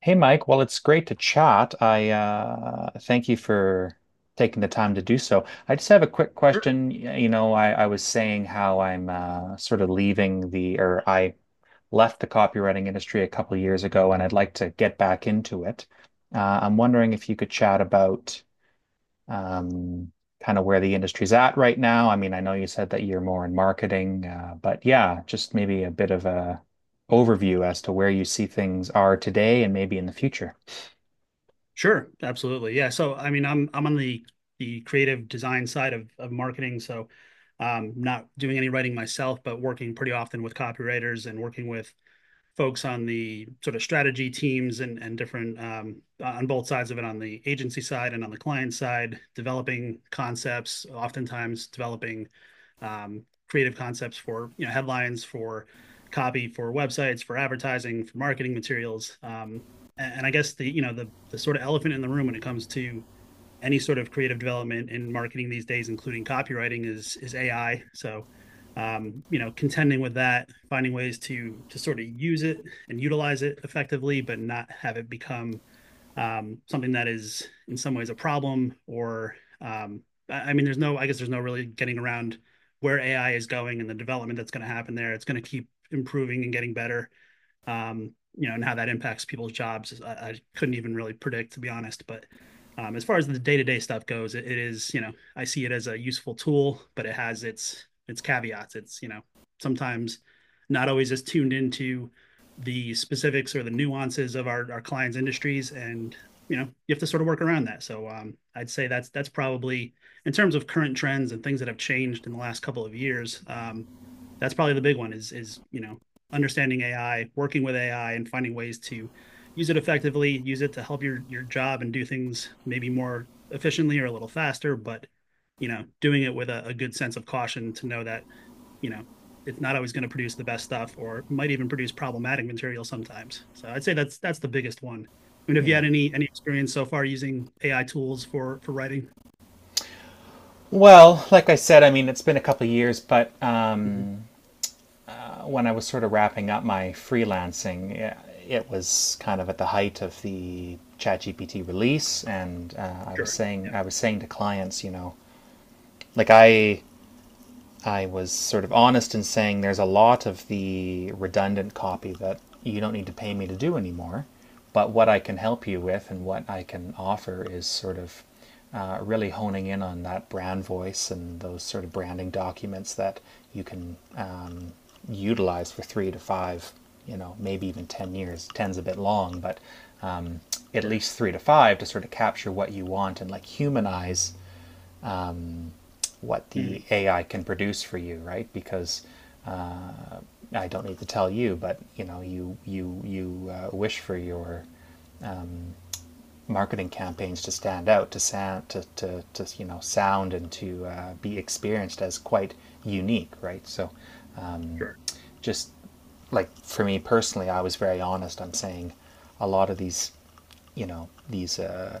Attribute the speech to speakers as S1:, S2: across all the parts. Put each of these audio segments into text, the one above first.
S1: Hey Mike, well it's great to chat. I thank you for taking the time to do so. I just have a quick
S2: Sure,
S1: question. I was saying how I'm sort of leaving the or I left the copywriting industry a couple years ago, and I'd like to get back into it. I'm wondering if you could chat about um, kind of where the industry's at right now. I mean, I know you said that you're more in marketing, but yeah, just maybe a bit of a overview as to where you see things are today and maybe in the future.
S2: sure, absolutely. Yeah. So, I mean, I'm on the creative design side of marketing, so not doing any writing myself, but working pretty often with copywriters and working with folks on the sort of strategy teams and different on both sides of it, on the agency side and on the client side, developing concepts, oftentimes developing creative concepts for, you know, headlines, for copy, for websites, for advertising, for marketing materials. And I guess the sort of elephant in the room when it comes to any sort of creative development in marketing these days, including copywriting, is AI. So, you know, contending with that, finding ways to sort of use it and utilize it effectively, but not have it become something that is in some ways a problem. Or, I mean, there's no, I guess, there's no really getting around where AI is going and the development that's going to happen there. It's going to keep improving and getting better. You know, and how that impacts people's jobs, I couldn't even really predict, to be honest. But as far as the day to day stuff goes, it is, you know, I see it as a useful tool, but it has its caveats. It's, you know, sometimes not always as tuned into the specifics or the nuances of our clients' industries. And, you know, you have to sort of work around that. So I'd say that's probably, in terms of current trends and things that have changed in the last couple of years. That's probably the big one, is, you know, understanding AI, working with AI, and finding ways to use it effectively, use it to help your job and do things maybe more efficiently or a little faster, but, you know, doing it with a good sense of caution to know that, you know, it's not always going to produce the best stuff or might even produce problematic material sometimes. So I'd say that's the biggest one. I mean, have you
S1: Yeah.
S2: had any experience so far using AI tools for writing?
S1: Well, like I said, I mean, it's been a couple of years, but
S2: Mhm.
S1: when I was sort of wrapping up my freelancing, yeah, it was kind of at the height of the ChatGPT release, and I was
S2: Sure.
S1: saying,
S2: Yeah.
S1: I was saying to clients, you know, like I was sort of honest in saying there's a lot of the redundant copy that you don't need to pay me to do anymore. But what I can help you with and what I can offer is sort of really honing in on that brand voice and those sort of branding documents that you can utilize for three to five, you know, maybe even 10 years. Ten's a bit long, but um, at
S2: Sure.
S1: least three to five to sort of capture what you want and like humanize what the
S2: Mhm.
S1: AI can produce for you, right? Because I don't need to tell you, but you know, you wish for your marketing campaigns to stand out, to you know, sound and to be experienced as quite unique, right? So,
S2: Sure.
S1: just like for me personally, I was very honest. I'm saying a lot of these, you know, these uh,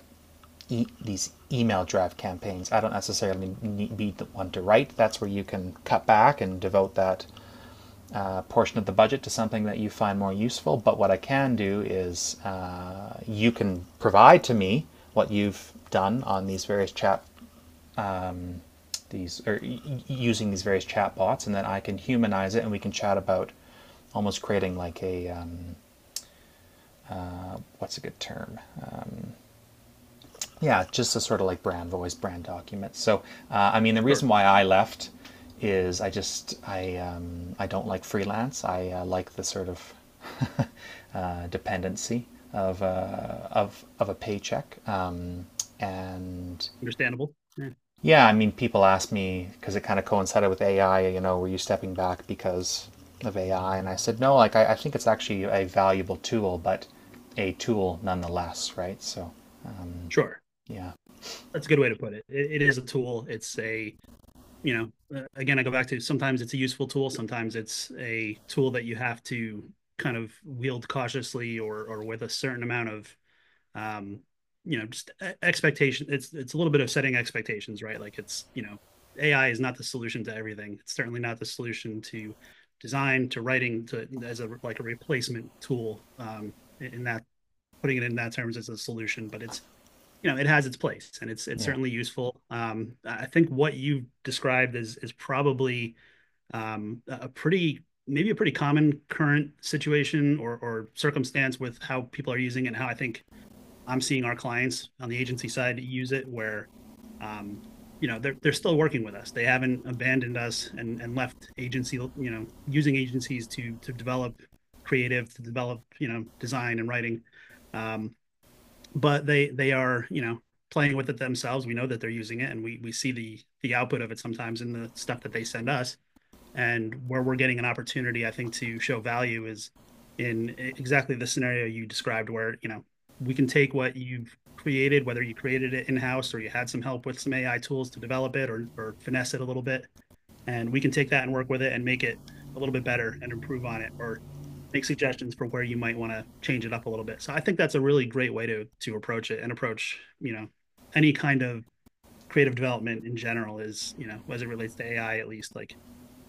S1: e- these email draft campaigns. I don't necessarily need, be the one to write. That's where you can cut back and devote that portion of the budget to something that you find more useful. But what I can do is you can provide to me what you've done on these various chat these or using these various chat bots, and then I can humanize it and we can chat about almost creating like a what's a good term. Yeah, just a sort of like brand voice, brand document. So, I mean, the
S2: Sure.
S1: reason why I left is I don't like freelance. I like the sort of dependency of a paycheck. And
S2: Understandable. Yeah.
S1: yeah, I mean, people ask me because it kind of coincided with AI. You know, were you stepping back because of AI? And I said no. Like, I think it's actually a valuable tool, but a tool nonetheless, right? Um,
S2: Sure.
S1: yeah,
S2: That's a good way to put it. It is a tool. It's a, you know, again, I go back to, sometimes it's a useful tool, sometimes it's a tool that you have to kind of wield cautiously, or with a certain amount of um you know, just expectation. It's a little bit of setting expectations, right? Like, it's, you know, AI is not the solution to everything. It's certainly not the solution to design, to writing, to, as a like a replacement tool, in that, putting it in that terms as a solution. But it's, you know, it has its place, and it's
S1: yeah.
S2: certainly useful. I think what you described is probably, a pretty, maybe a pretty common current situation or circumstance with how people are using it, and how I think I'm seeing our clients on the agency side use it, where um you know, they're still working with us. They haven't abandoned us and left agency, you know, using agencies to develop creative, to develop, you know, design and writing. um but they are, you know, playing with it themselves. We know that they're using it, and we see the output of it sometimes in the stuff that they send us. And where we're getting an opportunity, I think, to show value is in, exactly the scenario you described, where, you know, we can take what you've created, whether you created it in house or you had some help with some AI tools to develop it or finesse it a little bit, and we can take that and work with it and make it a little bit better and improve on it, or make suggestions for where you might want to change it up a little bit. So I think that's a really great way to approach it and approach, you know, any kind of creative development in general is, you know, as it relates to AI, at least, like,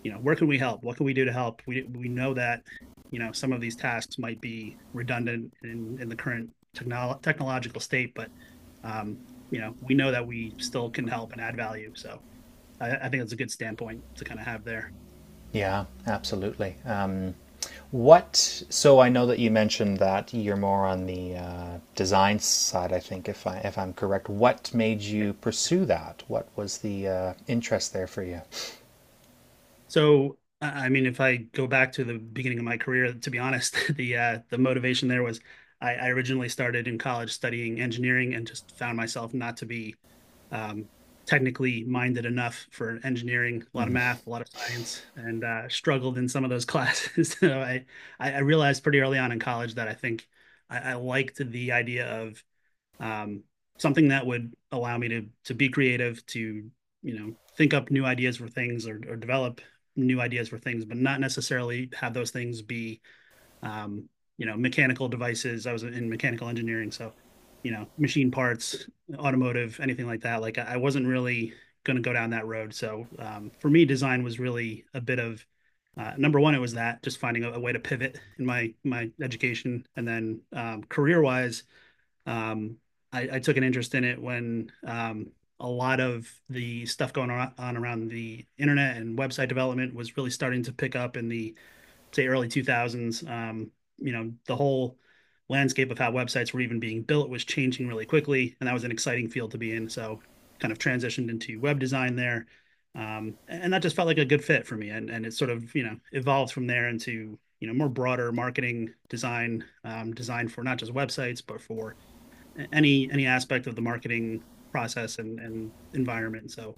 S2: you know, where can we help? What can we do to help? We know that, you know, some of these tasks might be redundant in the current technological state, but um, you know, we know that we still can help and add value. So I think it's a good standpoint to kind of have there.
S1: Yeah, absolutely. What? So I know that you mentioned that you're more on the design side. I think, if I'm correct, what made you pursue that? What was the interest there for you?
S2: So, I mean, if I go back to the beginning of my career, to be honest, the motivation there was, I originally started in college studying engineering, and just found myself not to be um, technically minded enough for engineering. A lot of
S1: Mm.
S2: math, a lot of science, and struggled in some of those classes. So I realized pretty early on in college that I think I liked the idea of um, something that would allow me to be creative, to, you know, think up new ideas for things, or develop new ideas for things, but not necessarily have those things be um, you know, mechanical devices. I was in mechanical engineering, so, you know, machine parts, automotive, anything like that. Like, I wasn't really going to go down that road. So for me, design was really a bit of, number one, it was that just finding a way to pivot in my my education, and then career wise, um, I took an interest in it when a lot of the stuff going on around the internet and website development was really starting to pick up in the, say, early 2000s. You know, the whole landscape of how websites were even being built was changing really quickly, and that was an exciting field to be in. So, kind of transitioned into web design there. And that just felt like a good fit for me, and it sort of, you know, evolved from there into, you know, more broader marketing design, design for not just websites, but for any aspect of the marketing process and environment. So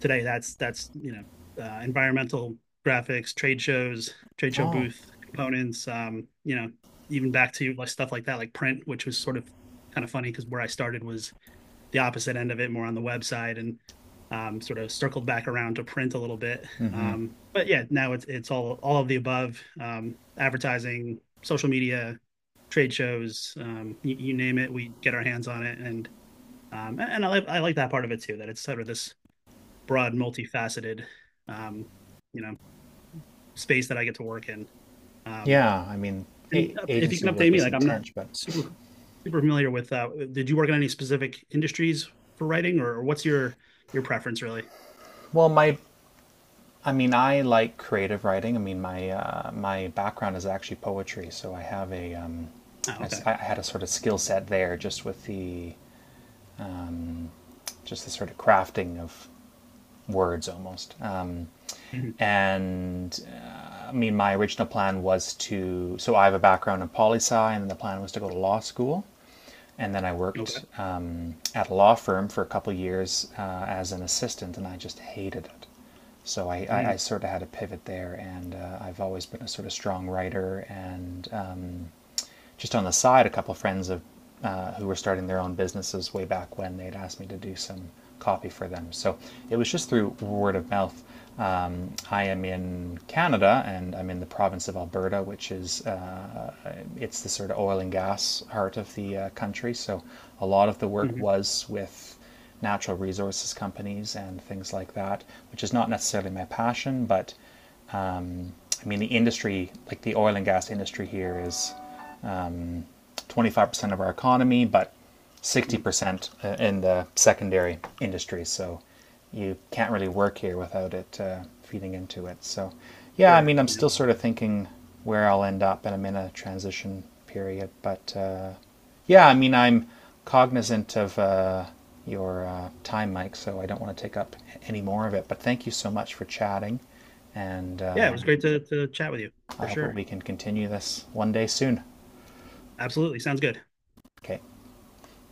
S2: today, that's you know, environmental graphics, trade shows, trade show
S1: Oh,
S2: booth components. You know, even back to like stuff like that, like print, which was sort of kind of funny, because where I started was the opposite end of it, more on the website, and sort of circled back around to print a little bit.
S1: hmm.
S2: But yeah, now it's all of the above: advertising, social media, trade shows, you name it, we get our hands on it. And I like, I like that part of it too, that it's sort of this broad, multifaceted, um, you know, space that I get to work in. Um,
S1: Yeah. I mean, a-
S2: and if you
S1: agency
S2: can update
S1: work
S2: me,
S1: is
S2: like, I'm not
S1: intense, but
S2: super super familiar with. Did you work in any specific industries for writing, or what's your preference really?
S1: well, my. I mean, I like creative writing. I mean, my background is actually poetry, so I have
S2: Oh, okay.
S1: I had a sort of skill set there, just with the just the sort of crafting of words almost.
S2: Mhm.
S1: And I mean, my original plan was to. So I have a background in poli sci, and the plan was to go to law school. And then I
S2: Okay.
S1: worked at a law firm for a couple of years as an assistant, and I just hated it. So I
S2: Mm.
S1: sort of had a pivot there, and I've always been a sort of strong writer and just on the side, a couple of friends of who were starting their own businesses way back when they'd asked me to do some copy for them. So it was just through word of mouth. I am in Canada and I'm in the province of Alberta, which is it's the sort of oil and gas heart of the country. So a lot of the work
S2: Mhm.
S1: was with natural resources companies and things like that, which is not necessarily my passion, but I mean the industry, like the oil and gas industry here, is 25% of our economy, but
S2: Mm.
S1: 60% in the secondary industry. So you can't really work here without it feeding into it. So, yeah, I
S2: Sure.
S1: mean, I'm
S2: Yeah.
S1: still sort of thinking where I'll end up, and I'm in a transition period. But yeah, I mean, I'm cognizant of your time, Mike, so I don't want to take up any more of it. But thank you so much for chatting, and
S2: Yeah. It was great to chat with you
S1: I
S2: for
S1: hope that
S2: sure.
S1: we can continue this one day soon.
S2: Absolutely. Sounds good.
S1: Okay.